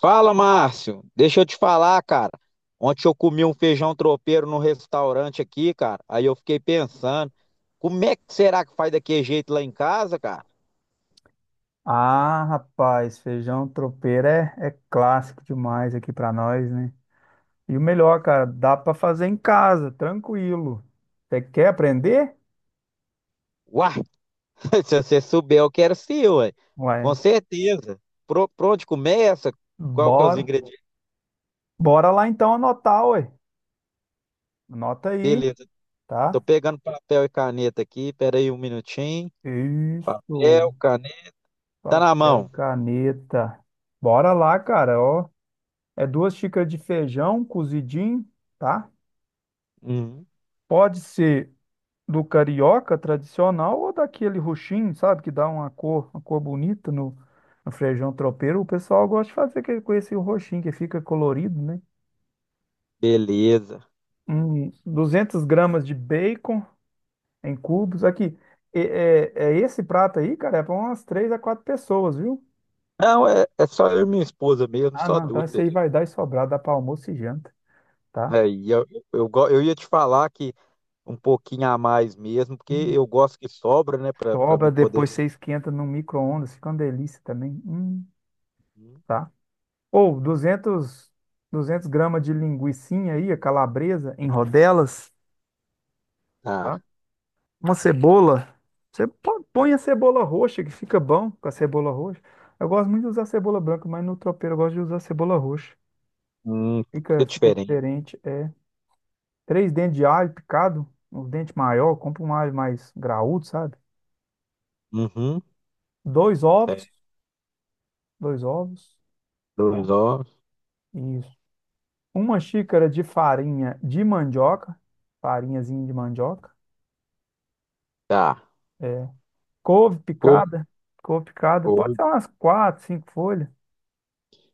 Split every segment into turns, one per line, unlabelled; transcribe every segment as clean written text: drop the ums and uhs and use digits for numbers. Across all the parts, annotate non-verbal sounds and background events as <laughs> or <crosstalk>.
Fala, Márcio. Deixa eu te falar, cara. Ontem eu comi um feijão tropeiro no restaurante aqui, cara. Aí eu fiquei pensando, como é que será que faz daquele jeito lá em casa, cara?
Ah, rapaz, feijão tropeiro é clássico demais aqui pra nós, né? E o melhor, cara, dá pra fazer em casa, tranquilo. Você quer aprender?
Uai, <laughs> se você souber, eu quero sim, ué. Com
Ué,
certeza. Pra onde começa? Qual que é os
bora.
ingredientes?
Bora lá então anotar, ué. Anota aí,
Beleza. Tô
tá?
pegando papel e caneta aqui. Pera aí um minutinho. Papel,
Isso.
caneta. Tá na
Papel e
mão.
caneta. Bora lá, cara, ó. É duas xícaras de feijão cozidinho, tá?
Uhum.
Pode ser do carioca tradicional ou daquele roxinho, sabe, que dá uma cor bonita no feijão tropeiro. O pessoal gosta de fazer aquele com esse roxinho que fica colorido, né?
Beleza.
200 gramas de bacon em cubos. Aqui, é esse prato aí, cara, é para umas três a quatro pessoas, viu?
Não, é só eu e minha esposa mesmo,
Ah,
só
não, então
duas
esse aí
pessoas.
vai dar e sobrar, dá para almoço e janta, tá?
É, e eu, eu ia te falar que um pouquinho a mais mesmo, porque
Hum,
eu gosto que sobra, né, para
sobra,
me poder.
depois você esquenta no micro-ondas, fica uma delícia também.
Hum.
Tá? Ou 200 gramas de linguicinha aí, a calabresa, em rodelas,
Tá.
tá? Uma cebola. Põe a cebola roxa, que fica bom com a cebola roxa. Eu gosto muito de usar cebola branca, mas no tropeiro eu gosto de usar cebola roxa.
Hum. Que
Fica
diferente.
diferente. É três dentes de alho picado, um dente maior, compra um alho mais graúdo, sabe?
Uhum.
Dois
Certo.
ovos, dois ovos,
Dois ovos.
isso. Uma xícara de farinha de mandioca, farinhazinha de mandioca.
Tá.
É. Couve
Couve,
picada, couve picada, pode
couve.
ser umas quatro, cinco folhas.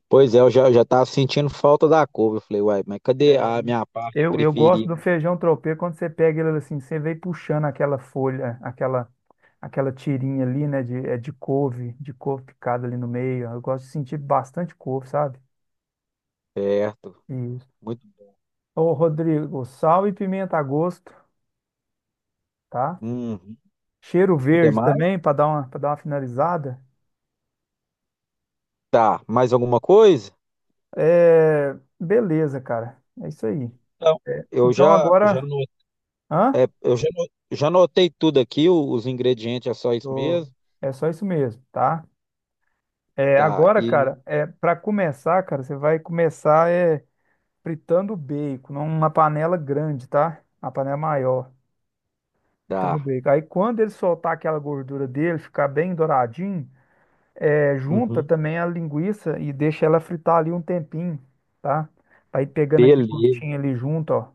Pois é, eu já, já tava sentindo falta da couve. Eu falei, uai, mas cadê a minha parte
Eu gosto do
preferida?
feijão tropeiro quando você pega ele assim, você vem puxando aquela folha, aquela tirinha ali, né, de couve picada ali no meio. Eu gosto de sentir bastante couve, sabe?
Certo.
Isso.
Muito.
Ô, Rodrigo, sal e pimenta a gosto, tá?
Uhum.
Cheiro
Quer
verde
mais?
também, para dar uma finalizada.
Tá. Mais alguma coisa?
É, beleza, cara. É isso aí.
Então, eu
Então
já, já,
agora,
no-
hã?
é, eu já, no- já notei tudo aqui, os ingredientes é só isso
Tô-
mesmo.
É só isso mesmo, tá?
Tá.
Agora, cara, é para começar, cara, você vai começar fritando o bacon numa panela grande, tá? Uma panela maior, fritando o
Tá.
bacon. Aí quando ele soltar aquela gordura dele, ficar bem douradinho, junta
Uhum.
também a linguiça e deixa ela fritar ali um tempinho, tá? Vai pegando aquele
Beleza,
gostinho ali junto, ó.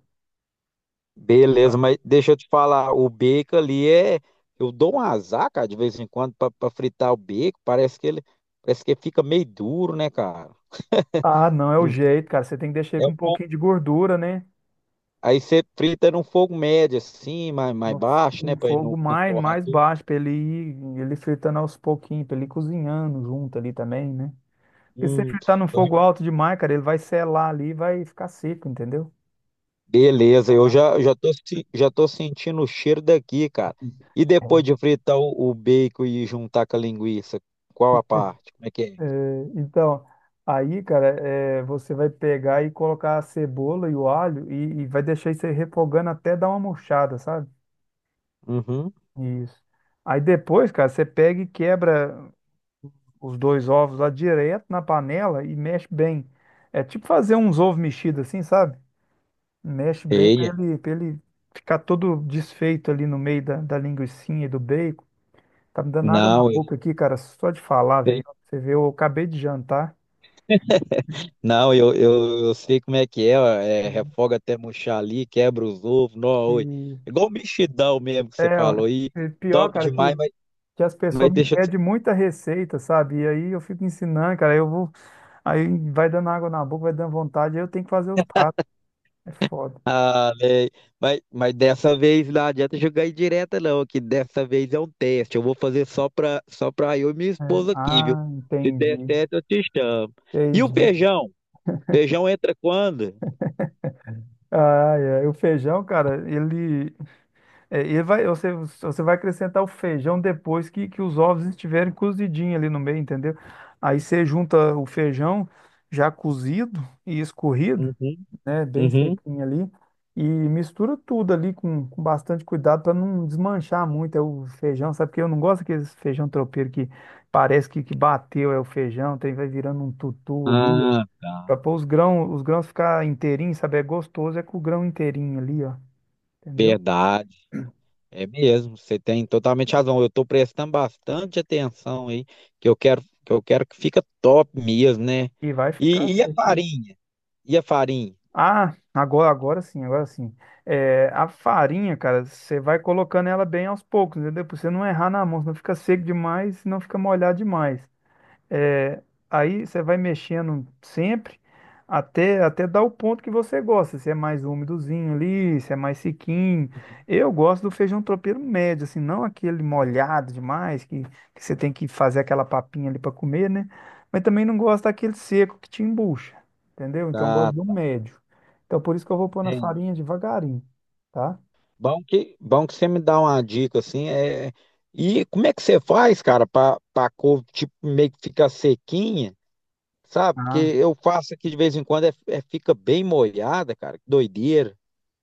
beleza, mas deixa eu te falar, o bacon ali é. Eu dou um azar, cara, de vez em quando, pra fritar o bacon. Parece que fica meio duro, né, cara?
Ah, não é o
Hum.
jeito, cara. Você tem que deixar ele
É
com
um
um
pouco.
pouquinho de gordura, né?
Aí você frita num fogo médio, assim, mais
No,
baixo, né?
Em
Pra ele
fogo
não
mais
torrar
mais
tudo.
baixo, pra ele ir, ele fritando aos pouquinhos, pra ele ir cozinhando junto ali também, né? Porque se você
Hum,
fritar no
eu-
fogo alto demais, cara, ele vai selar ali e vai ficar seco, entendeu?
beleza, eu
Ah,
já, já tô, se- já tô sentindo o cheiro daqui, cara. E depois de fritar o bacon e juntar com a linguiça, qual a parte? Como é que
é,
é?
então, aí, cara, você vai pegar e colocar a cebola e o alho e vai deixar isso aí refogando até dar uma murchada, sabe?
Uhum.
Isso. Aí depois, cara, você pega e quebra os dois ovos lá direto na panela e mexe bem. É tipo fazer uns ovos mexidos assim, sabe? Mexe bem
Sei.
pra ele ficar todo desfeito ali no meio da linguicinha e do bacon. Tá me dando água na
Não, eu
boca aqui, cara, só de falar, velho.
sei.
Você vê, eu acabei de jantar
Não, eu sei como é que é, ó, é, refoga até murchar ali, quebra os ovos, nó, oi.
e
Igual o mexidão mesmo que você
é, ó,
falou aí,
pior,
top
cara,
demais, mas,
que as
mas
pessoas me
deixa eu te
pedem muita receita, sabe? E aí eu fico ensinando, cara, aí vai dando água na boca, vai dando vontade, aí eu tenho que fazer os pratos. É foda.
falar, né? Mas dessa vez não adianta jogar aí direta não, que dessa vez é um teste, eu vou fazer só pra eu e minha esposa aqui, viu?
Ah,
Se der certo, eu te chamo. E o
entendi.
feijão? Feijão entra quando?
Ah, é. O feijão, cara, ele, É, e vai, você, você vai acrescentar o feijão depois que os ovos estiverem cozidinhos ali no meio, entendeu? Aí você junta o feijão já cozido e escorrido,
Uhum,
né? Bem
uhum.
sequinho ali, e mistura tudo ali com bastante cuidado para não desmanchar muito o feijão, sabe? Porque eu não gosto daqueles feijão tropeiro que parece que bateu o feijão, tem, vai virando um tutu ali,
Ah, tá.
para pôr os grãos ficar inteirinhos, sabe? É gostoso, é com o grão inteirinho ali, ó, entendeu?
Verdade. É mesmo, você tem totalmente razão. Eu estou prestando bastante atenção aí, que eu quero que fica top mesmo, né?
E vai
E,
ficar,
e a
certeza.
farinha? E a farinha?
Ah, agora sim. É, a farinha, cara, você vai colocando ela bem aos poucos, entendeu? Pra você não errar na mão, senão fica seco demais, não fica molhado demais. É, aí você vai mexendo sempre até dar o ponto que você gosta. Se é mais úmidozinho ali, se é mais sequinho. Eu gosto do feijão tropeiro médio, assim, não aquele molhado demais, que você tem que fazer aquela papinha ali para comer, né? Mas também não gosto daquele seco que te embucha, entendeu? Então eu gosto
Tá,
do
tá,
médio. Então por isso que eu vou pôr na farinha
entende?
devagarinho, tá?
Bom que você me dá uma dica assim. E como é que você faz, cara, para couve tipo meio que ficar sequinha, sabe? Porque eu faço aqui de vez em quando fica bem molhada, cara. Que doideira.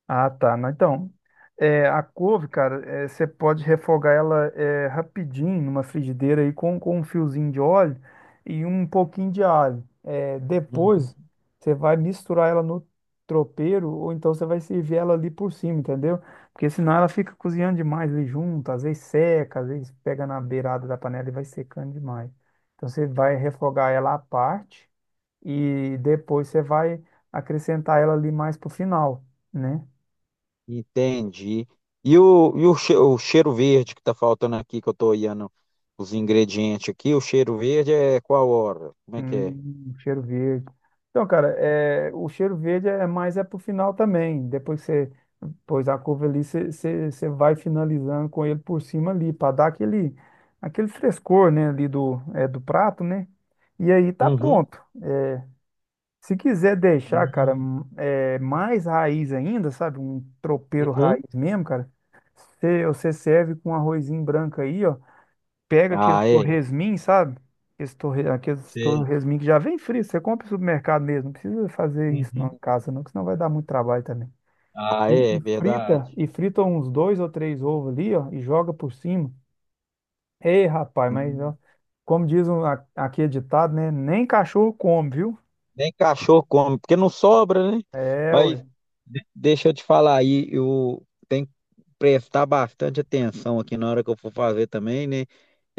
Ah, tá. Não, então, é, a couve, cara, você pode refogar ela rapidinho numa frigideira aí com um fiozinho de óleo e um pouquinho de alho. É, depois, você vai misturar ela no tropeiro ou então você vai servir ela ali por cima, entendeu? Porque senão ela fica cozinhando demais ali junto, às vezes seca, às vezes pega na beirada da panela e vai secando demais. Então, você vai refogar ela à parte e depois você vai acrescentar ela ali mais pro final, né?
Entendi. O cheiro verde que tá faltando aqui, que eu tô olhando os ingredientes aqui, o cheiro verde é qual hora? Como é que é?
Cheiro verde. Então, cara, é, o cheiro verde é mais é pro final também. Depois que você pôs a curva ali, você vai finalizando com ele por cima ali, para dar aquele, aquele frescor, né, ali do, do prato, né? E aí tá
Uhum.
pronto. Se quiser deixar, cara,
Uhum.
mais raiz ainda, sabe? Um tropeiro
Uhum.
raiz mesmo, cara. Você serve com um arrozinho branco aí, ó, pega aqueles
Ah, é.
torresmin, sabe? Aqueles
Sei.
torresmin que já vem frio, você compra no supermercado mesmo, não precisa fazer isso não
Uhum.
em casa não, que senão vai dar muito trabalho também.
Ah,
E,
é,
e
verdade.
frita, e frita uns dois ou três ovos ali, ó, e joga por cima. Ei, rapaz, mas
Hum,
ó, como diz um, aqui é ditado, né? Nem cachorro come, viu?
Nem cachorro come, porque não sobra, né?
É, ué.
Mas deixa eu te falar aí, eu tenho que prestar bastante atenção aqui na hora que eu for fazer também, né?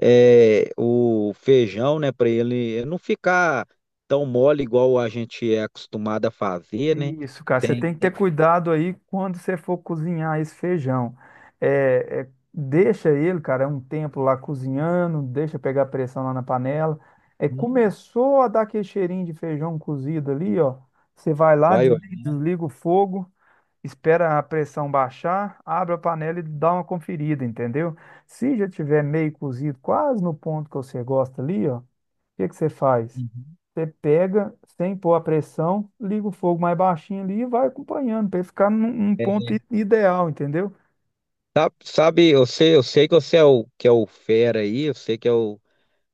É, o feijão, né, para ele não ficar tão mole igual a gente é acostumado a fazer, né?
Isso, cara, você
Tem,
tem que ter
tem,
cuidado aí quando você for cozinhar esse feijão. Deixa ele, cara, um tempo lá cozinhando, deixa pegar pressão lá na panela. É, começou a dar aquele cheirinho de feijão cozido ali, ó. Você vai lá,
vai olhando.
desliga o fogo, espera a pressão baixar, abre a panela e dá uma conferida, entendeu? Se já tiver meio cozido, quase no ponto que você gosta ali, ó, o que que você faz?
Uhum.
Você pega sem pôr a pressão, liga o fogo mais baixinho ali e vai acompanhando para ficar num ponto ideal, entendeu?
Sabe, sabe, eu sei que você é o que é o fera aí, eu sei que é o,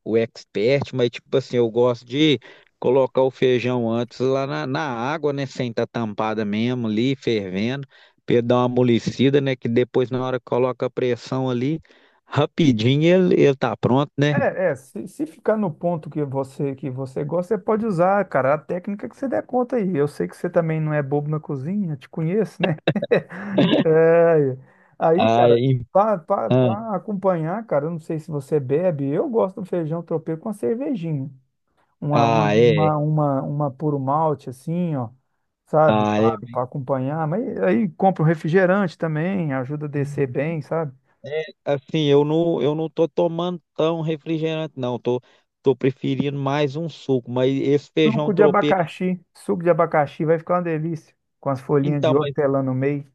o expert, mas tipo assim, eu gosto de colocar o feijão antes lá na água, né, sem estar tampada mesmo ali, fervendo, pra ele dar uma amolecida, né, que depois na hora que coloca a pressão ali, rapidinho ele tá pronto, né?
Se ficar no ponto que você gosta, você pode usar, cara, a técnica que você der conta aí. Eu sei que você também não é bobo na cozinha, te conheço, né? <laughs> É, aí,
Ah.
cara,
Ah,
para acompanhar, cara, eu não sei se você bebe, eu gosto do feijão tropeiro com a cervejinha. uma, uma,
ah, é.
uma, uma, uma puro malte, assim, ó, sabe,
Ah, é
para
bem.
acompanhar. Mas aí compra um refrigerante também, ajuda a descer bem, sabe?
É, assim, eu não tô tomando tão refrigerante, não. Tô preferindo mais um suco, mas esse feijão tropeiro.
Suco de abacaxi vai ficar uma delícia, com as folhinhas de
Então, mas.
hortelã no meio.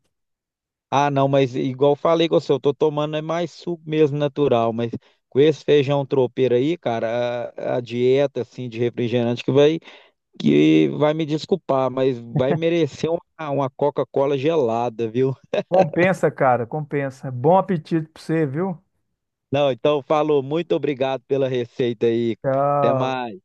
Ah, não, mas igual eu falei com você, eu tô tomando é mais suco mesmo natural, mas com esse feijão tropeiro aí, cara, a dieta, assim, de refrigerante que vai, me desculpar, mas vai merecer uma Coca-Cola gelada, viu?
Compensa, cara, compensa. Bom apetite pra você, viu?
Não, então falou, muito obrigado pela receita aí. Até
Tchau.
mais.